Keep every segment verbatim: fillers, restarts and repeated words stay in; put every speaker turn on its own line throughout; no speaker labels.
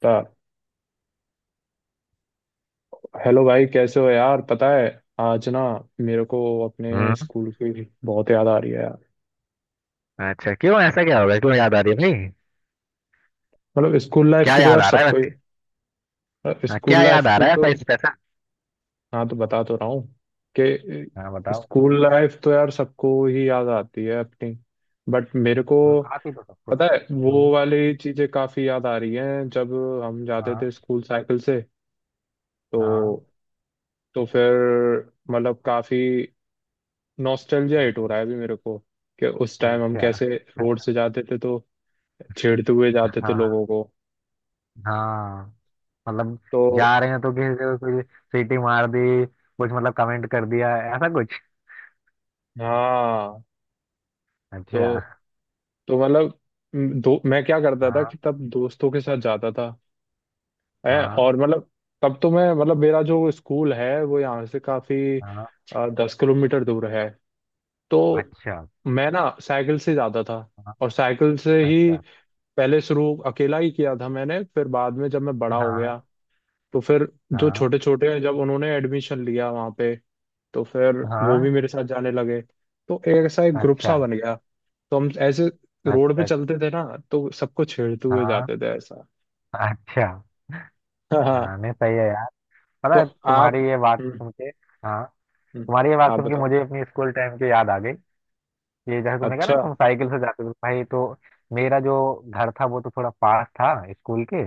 ता- हेलो भाई, कैसे हो यार? पता है आज ना मेरे को अपने
हम्म।
स्कूल की बहुत याद आ रही है यार।
अच्छा, क्यों? ऐसा क्या हो गया, क्यों याद आ रही है भाई?
मतलब स्कूल लाइफ
क्या
की तो
याद
यार
आ रहा है
सबको
वैसे? हाँ,
स्कूल
क्या याद
लाइफ
आ
की
रहा है
तो
ऐसा स्पेशल?
हाँ तो बता तो रहा हूँ
हाँ,
कि
बताओ।
स्कूल लाइफ तो यार सबको ही याद आती है अपनी। बट मेरे को
हम्म, आप ही तो सबको।
पता है वो
हम्म।
वाली चीजें काफी याद आ रही हैं जब हम जाते
हाँ,
थे स्कूल साइकिल से।
हाँ।
तो तो फिर मतलब काफी नॉस्टैल्जिया हिट हो रहा है अभी मेरे को कि उस टाइम हम
अच्छा।
कैसे रोड से जाते थे तो छेड़ते हुए जाते थे
हाँ,
लोगों को।
हाँ, मतलब
तो
जा रहे हैं तो किसी को कुछ सीटी मार दी, कुछ मतलब कमेंट कर दिया ऐसा कुछ।
हाँ, तो
अच्छा।
तो मतलब म, दो मैं क्या करता था
हाँ।
कि तब दोस्तों के साथ जाता था है,
हाँ।
और मतलब तब तो मैं मतलब मेरा जो स्कूल है वो यहाँ से काफी
हाँ।
अ, दस किलोमीटर दूर है। तो
अच्छा।
मैं ना साइकिल से जाता था,
हाँ।
और साइकिल से ही
अच्छा।
पहले शुरू अकेला ही किया था मैंने, फिर बाद में जब मैं बड़ा हो
हाँ।
गया तो फिर जो
हाँ।
छोटे छोटे हैं, जब उन्होंने एडमिशन लिया वहाँ पे तो फिर वो
हाँ।
भी मेरे साथ जाने लगे। तो एक ऐसा एक ग्रुप
अच्छा,
सा बन गया। तो हम ऐसे रोड पे
अच्छा।
चलते थे ना तो सबको छेड़ते हुए
हाँ।
जाते थे ऐसा।
अच्छा।
हाँ
हाँ,
हाँ,
नहीं सही है यार। पता
तो
है
आप,
तुम्हारी ये बात
हम्म,
सुन के, हाँ,
हम्म,
तुम्हारी ये बात
आप
सुन के
बताओ।
मुझे अपनी स्कूल टाइम की याद आ गई। ये जैसे तुमने कहा ना
अच्छा,
तुम साइकिल से जाते थे, तो भाई, तो मेरा जो घर था वो तो थोड़ा पास था स्कूल के।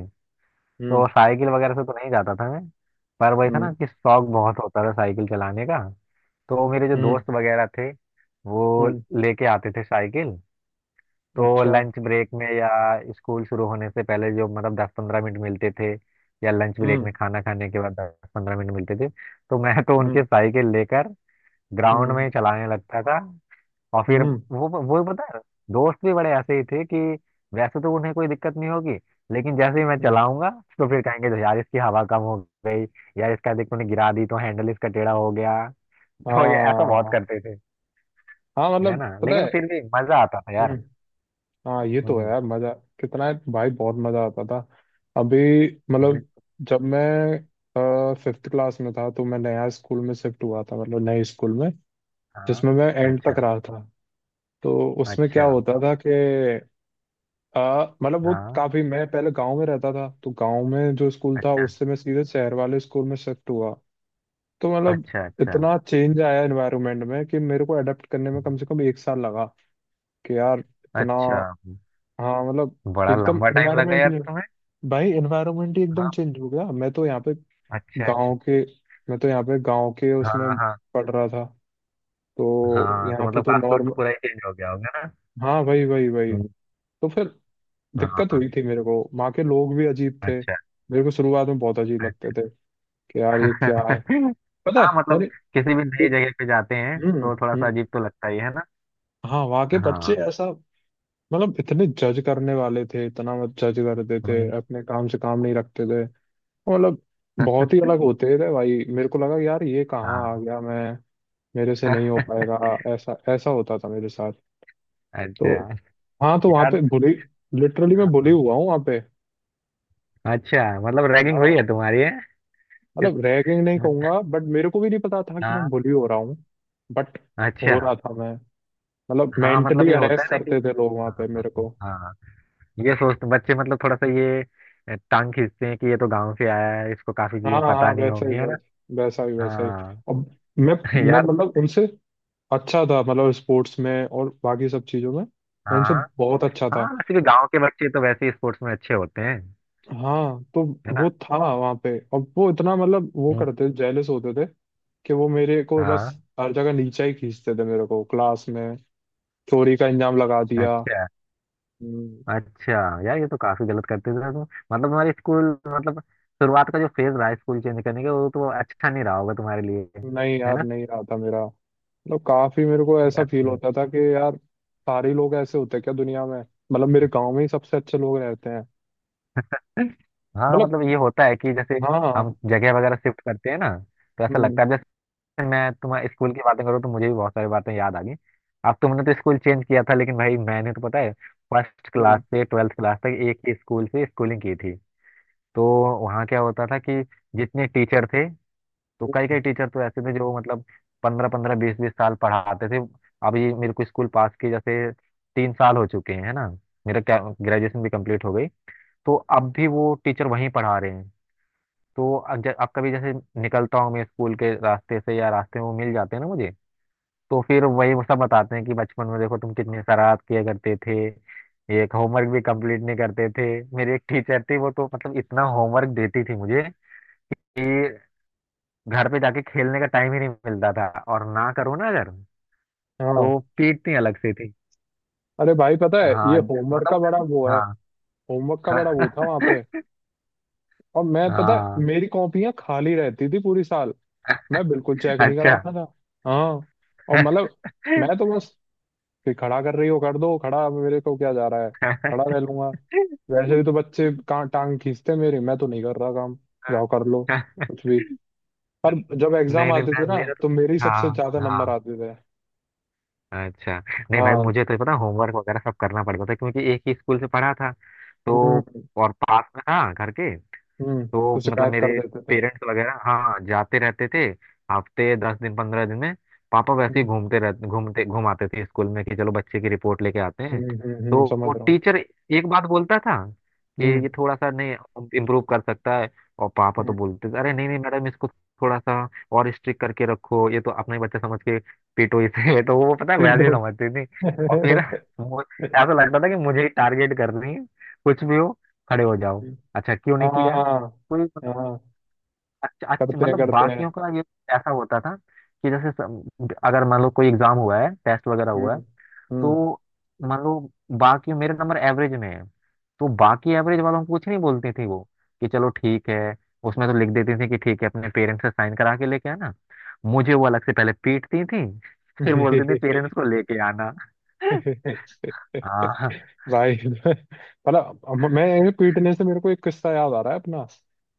तो
हम्म,
साइकिल वगैरह से तो नहीं जाता था मैं, पर वही था ना
हम्म,
कि शौक बहुत होता था साइकिल चलाने का। तो मेरे जो
हम्म,
दोस्त वगैरह थे, वो
हम्म,
लेके आते थे साइकिल। तो
अच्छा,
लंच ब्रेक में या स्कूल शुरू होने से पहले जो मतलब दस पंद्रह मिनट मिलते थे, या लंच ब्रेक
हम्म,
में खाना खाने के बाद दस पंद्रह मिनट मिलते थे, तो मैं तो उनके
हम्म,
साइकिल लेकर ग्राउंड
हम्म,
में चलाने लगता था। और फिर
हम्म,
वो वो पता है दोस्त भी बड़े ऐसे ही थे कि वैसे तो उन्हें कोई दिक्कत नहीं होगी, लेकिन जैसे ही मैं
हम्म,
चलाऊंगा तो फिर कहेंगे "तो यार इसकी हवा कम हो गई, यार इसका देख तूने गिरा दी तो हैंडल इसका टेढ़ा हो गया"। तो ये ऐसा बहुत
हाँ।
करते थे,
हाँ
है
मतलब
ना,
पता
लेकिन
है।
फिर भी मजा आता था
हम्म,
यार।
हाँ ये तो है
हम्म।
यार, मजा कितना है भाई, बहुत मजा आता था। अभी मतलब
बिल-
जब मैं फिफ्थ क्लास में था तो मैं नया स्कूल में शिफ्ट हुआ था, मतलब नए स्कूल में
हाँ।
जिसमें मैं एंड तक
अच्छा,
रहा था। तो उसमें क्या
अच्छा।
होता था कि आ, मतलब वो
हाँ।
काफी मैं पहले गांव में रहता था तो गांव में जो स्कूल था
अच्छा,
उससे मैं सीधे शहर वाले स्कूल में शिफ्ट हुआ। तो मतलब
अच्छा। अच्छा,
इतना चेंज आया एनवायरनमेंट में कि मेरे को अडेप्ट करने में कम से कम एक साल लगा कि यार इतना।
अच्छा।
हाँ मतलब
बड़ा
एकदम
लंबा टाइम लगा यार
एनवायरनमेंट,
तुम्हें।
भाई एनवायरनमेंट ही एकदम
हाँ,
चेंज हो गया, मैं तो यहाँ पे
अच्छा, अच्छा।
गांव के, मैं तो यहाँ पे गांव के
हाँ,
उसमें
हाँ।
पढ़ रहा था तो
हाँ,
यहाँ
तो
पे
मतलब
तो
कास्ट तो
नॉर्म।
पूरा ही चेंज हो गया होगा ना।
हाँ भाई भाई भाई।
हम्म,
तो फिर दिक्कत
हाँ।
हुई थी मेरे को, वहाँ के लोग भी अजीब थे,
अच्छा,
मेरे को शुरुआत में बहुत अजीब लगते
अच्छा।
थे कि यार ये क्या है। पता
हाँ,
है
मतलब
मैंने
किसी भी नई
एक,
जगह पे जाते हैं
हम्म,
तो थोड़ा सा
हम्म,
अजीब तो लगता ही है ना।
हाँ वहाँ के बच्चे
हाँ।
ऐसा मतलब इतने जज करने वाले थे, इतना मत जज करते थे,
हम्म।
अपने काम से काम नहीं रखते थे। मतलब बहुत ही अलग होते थे भाई, मेरे को लगा यार ये कहाँ आ
हाँ।
गया मैं, मेरे से नहीं हो पाएगा, ऐसा ऐसा होता था मेरे साथ।
अच्छा।
तो हाँ, तो वहाँ पे
यार।
बुली, लिटरली मैं बुली हुआ हूँ वहाँ पे।
अच्छा, मतलब रैगिंग
हाँ
हुई है तुम्हारी, है? इस-
मतलब रैगिंग नहीं कहूंगा बट मेरे को भी नहीं पता था कि मैं
हाँ।
बुली हो रहा हूँ, बट
अच्छा।
हो रहा था मैं। मतलब
हाँ, मतलब
मेंटली
ये होता है
अरेस्ट
ना कि,
करते थे लोग वहाँ पे
हाँ,
मेरे को।
हाँ, ये सोचते बच्चे मतलब थोड़ा सा ये अ, टांग खींचते हैं कि ये तो गांव से आया है, इसको काफी
हाँ
चीजें
हाँ
पता
हाँ,
नहीं
वैसा ही
होंगी, है ना।
वैसा वैसा ही वैसा ही। और
हाँ।
मैं मैं
यार।
मतलब उनसे अच्छा था, मतलब स्पोर्ट्स में और बाकी सब चीज़ों में मैं उनसे
हाँ।
बहुत अच्छा
हाँ,
था।
वैसे भी गांव के बच्चे तो वैसे ही स्पोर्ट्स में अच्छे होते हैं,
हाँ तो
है ना।
वो था वहां पे और वो इतना मतलब वो
हम्म,
करते थे, जेलस होते थे कि वो मेरे को बस
हाँ।
हर जगह नीचा ही खींचते थे, मेरे को क्लास में चोरी का इंजाम लगा दिया।
अच्छा,
हम्म,
अच्छा। यार ये तो काफी गलत करते थे, तुम मतलब तुम्हारे स्कूल मतलब शुरुआत का जो फेज रहा स्कूल चेंज करने का वो तो अच्छा नहीं रहा होगा तुम्हारे लिए।
नहीं
है
यार,
ना,
नहीं रहा था मेरा, मतलब काफी मेरे को ऐसा
यार।
फील
हम्म।
होता था कि यार सारे लोग ऐसे होते हैं क्या दुनिया में, मतलब मेरे गांव में ही सबसे अच्छे लोग रहते हैं।
हाँ,
मतलब
मतलब ये होता है कि जैसे
हाँ।
हम जगह वगैरह शिफ्ट करते हैं ना तो ऐसा
हम्म,
लगता है। मैं तुम्हारे स्कूल की बातें करूँ तो मुझे भी बहुत सारी बातें याद आ गई। अब तुमने तो स्कूल चेंज किया था लेकिन भाई मैंने तो पता है फर्स्ट क्लास
हम्म,
से ट्वेल्थ क्लास तक एक ही स्कूल से स्कूलिंग की थी। तो वहाँ क्या होता था कि जितने टीचर थे, तो कई
हम्म,
कई टीचर तो ऐसे थे जो मतलब पंद्रह पंद्रह बीस बीस साल पढ़ाते थे। अब ये मेरे को स्कूल पास किए जैसे तीन साल हो चुके हैं, है ना। मेरा ग्रेजुएशन भी कंप्लीट हो गई। तो अब भी वो टीचर वहीं पढ़ा रहे हैं। तो अब ज- अब कभी जैसे निकलता हूँ मैं स्कूल के रास्ते से या रास्ते में वो मिल जाते हैं ना मुझे, तो फिर वही वो सब बताते हैं कि बचपन में देखो तुम कितनी शरारत किया करते थे, एक होमवर्क भी कंप्लीट नहीं करते थे। मेरी एक टीचर थी वो तो मतलब इतना होमवर्क देती थी मुझे कि घर पे जाके खेलने का टाइम ही नहीं मिलता था, और ना करो ना अगर तो
हाँ।
पीटती अलग से थी।
अरे भाई पता है ये
हाँ
होमवर्क
मतलब
का बड़ा वो
उन्हें,
है, होमवर्क
हाँ।
का बड़ा वो था वहां पे। और मैं पता है
हाँ।
मेरी कॉपियां खाली रहती थी पूरी साल, मैं बिल्कुल चेक नहीं
अच्छा।
कराता था। हाँ, और मतलब मैं तो बस कि खड़ा कर रही हो कर दो खड़ा, मेरे को क्या जा रहा है, खड़ा रह लूंगा, वैसे भी तो बच्चे का- टांग खींचते मेरे, मैं तो नहीं कर रहा काम, जाओ कर लो कुछ भी। पर जब एग्जाम
नहीं, नहीं,
आते थे
मैं-
ना
मेरा तो,
तो मेरी
हाँ,
सबसे ज्यादा नंबर
हाँ,
आते थे।
अच्छा, नहीं भाई
हाँ,
मुझे तो पता होमवर्क वगैरह सब करना पड़ता था क्योंकि एक ही स्कूल से पढ़ा था, तो,
हम्म,
और पास में था घर के,
हम्म।
तो
तो
मतलब
शिकायत कर
मेरे
देते थे।
पेरेंट्स वगैरह हाँ जाते रहते थे हफ्ते दस दिन पंद्रह दिन में। पापा वैसे ही
हम्म,
घूमते रहते घूमते घुमाते थे स्कूल में कि चलो बच्चे की रिपोर्ट लेके आते हैं।
हम्म, हम्म, हम्म,
तो
समझ
वो
रहा हूँ।
टीचर एक बात बोलता था कि
हम्म,
ये थोड़ा सा नहीं इम्प्रूव कर सकता है। और पापा तो
हम्म।
बोलते थे, अरे नहीं, नहीं मैडम, इसको थोड़ा सा और स्ट्रिक्ट करके रखो, ये तो अपना ही बच्चा समझ के पीटो इसे। तो वो पता है वैसे ही
पीटो।
समझती थी। और फिर वो- ऐसा लगता था कि मुझे ही टारगेट कर रही है, कुछ भी हो खड़े हो जाओ, अच्छा क्यों नहीं किया,
हाँ
कोई मतलब।
हाँ,
अच्छा, अच्छा,
करते हैं
मतलब
करते हैं।
बाकियों का ये ऐसा होता था कि जैसे सम- अगर मान लो कोई एग्जाम हुआ है, टेस्ट वगैरह हुआ है,
हम्म, हम्म।
तो मान लो बाकी मेरे नंबर एवरेज में है, तो बाकी एवरेज वालों को कुछ नहीं बोलती थी वो, कि चलो ठीक है, उसमें तो लिख देती थी कि ठीक है अपने पेरेंट्स से साइन करा के लेके आना, मुझे वो अलग से पहले पीटती थी। फिर बोलती थी पेरेंट्स को लेके आना। हाँ,
भाई मतलब हम- मैं ऐसे पीटने से मेरे को एक किस्सा याद आ रहा है अपना,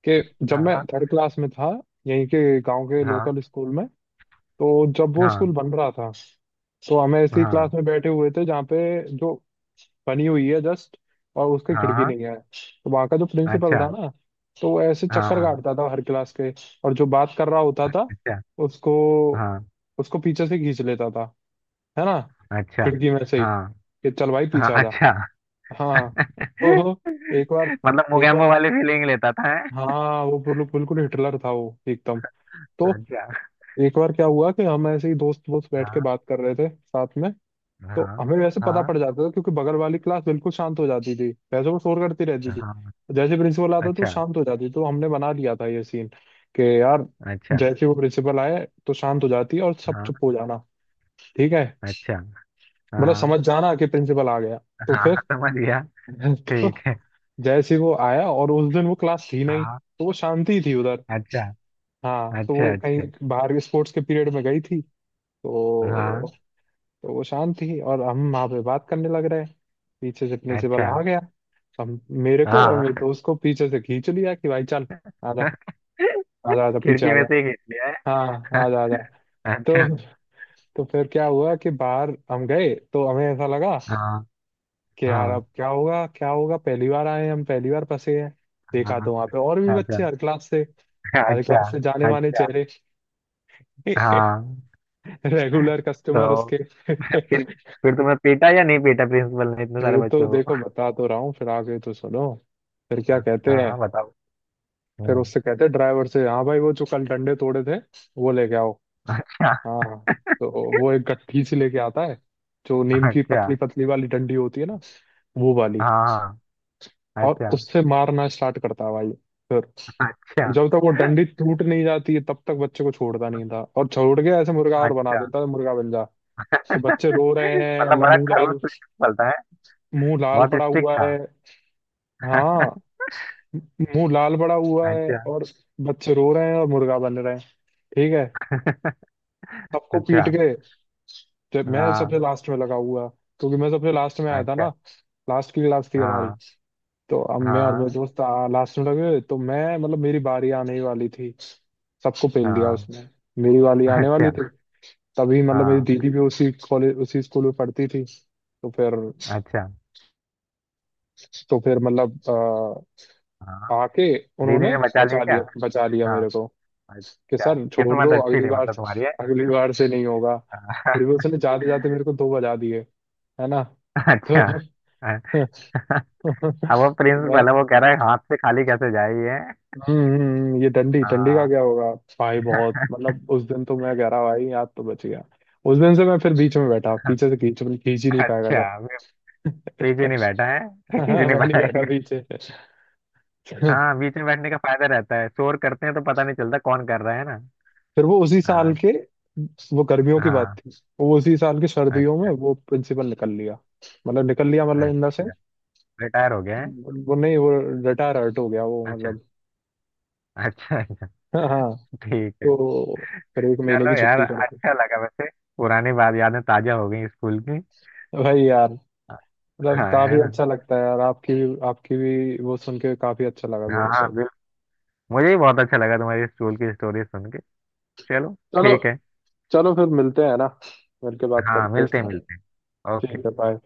कि जब
हाँ,
मैं
हाँ,
थर्ड क्लास में था यहीं के गांव के
हाँ,
लोकल स्कूल में। तो जब वो स्कूल
हाँ,
बन रहा था तो हम ऐसी क्लास
हाँ,
में बैठे हुए थे जहाँ पे जो बनी हुई है जस्ट और उसकी
हाँ,
खिड़की
हाँ,
नहीं है। तो वहाँ का जो प्रिंसिपल
अच्छा।
था ना तो वो ऐसे चक्कर
हाँ,
काटता था हर क्लास के, और जो बात कर रहा होता था
अच्छा।
उसको
हाँ।
उसको पीछे से खींच लेता था है ना,
अच्छा।
खिड़की में से ही
हाँ,
कि चल भाई
हाँ।
पीछे आ जा।
अच्छा।
हाँ तो एक बार
मतलब
एक
मोगैम्बो
बार,
वाली फीलिंग लेता था, है।
हाँ वो बिल्कुल बिल्कुल हिटलर था वो एकदम। तो
अच्छा।
एक बार क्या हुआ कि हम ऐसे ही दोस्त दोस्त बैठ के
हाँ,
बात कर रहे थे साथ में। तो
हाँ,
हमें वैसे पता
हाँ,
पड़ जाता था क्योंकि बगल वाली क्लास बिल्कुल शांत हो जाती थी, वैसे वो शोर करती रहती थी,
हाँ।
जैसे प्रिंसिपल आता तो
अच्छा,
शांत हो जाती, तो हमने बना लिया था ये सीन कि यार
अच्छा।
जैसे वो प्रिंसिपल आए तो शांत हो जाती और सब
हाँ।
चुप हो जाना, ठीक है,
अच्छा।
मतलब
हाँ,
समझ जाना कि प्रिंसिपल आ गया। तो
हाँ,
फिर
हाँ, समझ गया।
तो
ठीक है।
जैसे ही वो आया और उस दिन वो क्लास थी नहीं
हाँ।
तो वो शांति ही थी उधर,
अच्छा,
हाँ तो
अच्छा।
वो कहीं
अच्छा।
बाहर स्पोर्ट्स के पीरियड में गई थी,
हाँ।
तो तो वो शांत थी और हम वहां पे बात करने लग रहे हैं। पीछे से प्रिंसिपल
अच्छा।
आ गया, हम, मेरे को और मेरे
हाँ।
दोस्त को पीछे से खींच लिया कि भाई चल आजा, आजा आजा पीछे
खिड़की में
आजा,
से ही खींच लिया,
हाँ
है?
आजा आजा। तो
अच्छा।
तो फिर क्या हुआ कि बाहर हम गए तो हमें ऐसा लगा
हाँ,
कि यार अब
हाँ,
क्या होगा क्या होगा, पहली बार आए हैं, हम पहली बार फंसे हैं। देखा
हाँ।
तो वहां पे और भी बच्चे
अच्छा।
हर क्लास से, हर
अच्छा,
क्लास से जाने माने
अच्छा।
चेहरे,
हाँ,
रेगुलर कस्टमर
तो
उसके।
फिर फिर तुम्हें पीटा या नहीं पीटा प्रिंसिपल ने इतने सारे
फिर तो
बच्चों को?
देखो बता तो रहा हूँ फिर आगे तो सुनो। फिर क्या
हाँ,
कहते
हाँ,
हैं,
हाँ, बताओ।
फिर
हम्म।
उससे कहते हैं ड्राइवर से, हाँ भाई वो जो कल डंडे तोड़े थे वो लेके आओ। हाँ तो वो एक गट्ठी से लेके आता है, जो नीम
अच्छा,
की
अच्छा।
पतली पतली वाली डंडी होती है ना, वो वाली।
हाँ, हाँ,
और
अच्छा,
उससे मारना स्टार्ट करता है भाई। फिर, और
अच्छा,
जब तक वो डंडी टूट नहीं जाती है तब तक बच्चे को छोड़ता नहीं था, और छोड़ के ऐसे मुर्गा और बना
अच्छा,
देता है, मुर्गा बन जा। तो बच्चे रो रहे हैं,
मतलब
ल-
बड़ा
मुंह
खड़ूस
लाल,
प्रिंसिपल था, है?
मुंह लाल
बहुत
पड़ा
स्ट्रिक्ट
हुआ
था।
है, हाँ, मुंह लाल पड़ा हुआ है
अच्छा,
और बच्चे रो रहे हैं और मुर्गा बन रहे हैं, ठीक है, सबको पीट
अच्छा।
के। जब मैं सबसे
हाँ।
लास्ट में लगा हुआ, क्योंकि मैं सबसे लास्ट में आया था ना,
अच्छा।
लास्ट की क्लास थी हमारी।
हाँ,
तो अब मैं और मेरे
हाँ,
दोस्त लास्ट में लगे तो मैं मतलब मेरी बारी आने ही वाली थी, सबको पेल दिया
हाँ।
उसने, मेरी वाली आने वाली
अच्छा।
थी, तभी मतलब मेरी
हाँ।
दीदी भी उसी कॉलेज उसी स्कूल में पढ़ती थी तो फिर,
अच्छा।
तो फिर मतलब
हाँ,
अ, आके
दीदी
उन्होंने
ने बचा लिया
बचा
क्या?
लिया, बचा लिया
हाँ,
मेरे को, कि
अच्छा
सर छोड़
किस्मत
दो,
अच्छी
अगली
थी
बार
मतलब
से
तुम्हारी, है।
अगली बार से नहीं होगा। फिर भी
हाँ।
उसने जाते जाते मेरे को दो बजा दिए, है ना, तो
अच्छा। अब वो प्रिंस
मैं,
पहले वो कह रहा है हाथ से खाली कैसे जाए ये।
हम्म, हम्म, ये डंडी डंडी का
हाँ।
क्या होगा। भाई बहुत मतलब उस दिन तो मैं कह रहा भाई याद तो बच गया, उस दिन से मैं फिर बीच में बैठा, पीछे से खींच खींच ही नहीं पाएगा
अच्छा वे
था।
पीछे नहीं बैठा है, खींच नहीं
मैं नहीं बैठा
पाएगा।
पीछे।
हाँ, बीच में बैठने का फायदा रहता है, शोर करते हैं तो पता नहीं चलता कौन कर रहा है ना।
फिर वो उसी साल
हाँ।
के, वो गर्मियों की बात
हाँ।
थी, वो उसी साल की सर्दियों में
अच्छा।
वो प्रिंसिपल निकल लिया, मतलब निकल लिया मतलब इन द सेंस
अच्छा। रिटायर हो गया है?
वो नहीं, वो रिटायर हर्ट हो गया वो
अच्छा,
मतलब।
अच्छा, अच्छा।
हाँ हाँ,
ठीक है।
तो फिर एक महीने
चलो
की
यार,
छुट्टी कर दी।
अच्छा लगा वैसे। पुरानी बात, यादें ताजा हो गई स्कूल की।
भाई यार मतलब
हाँ, है
काफी
ना।
अच्छा लगता है यार, आपकी भी आपकी भी वो सुन के काफी अच्छा लगा
हाँ,
मेरे
हाँ,
को।
बिल्कुल। मुझे भी बहुत अच्छा लगा तुम्हारी स्कूल की स्टोरी सुन के। चलो
चलो,
ठीक है।
चलो फिर मिलते हैं ना, मिलके बात
हाँ,
करते हैं
मिलते
इस
हैं,
बारे में।
मिलते हैं।
ठीक
ओके।
है, बाय।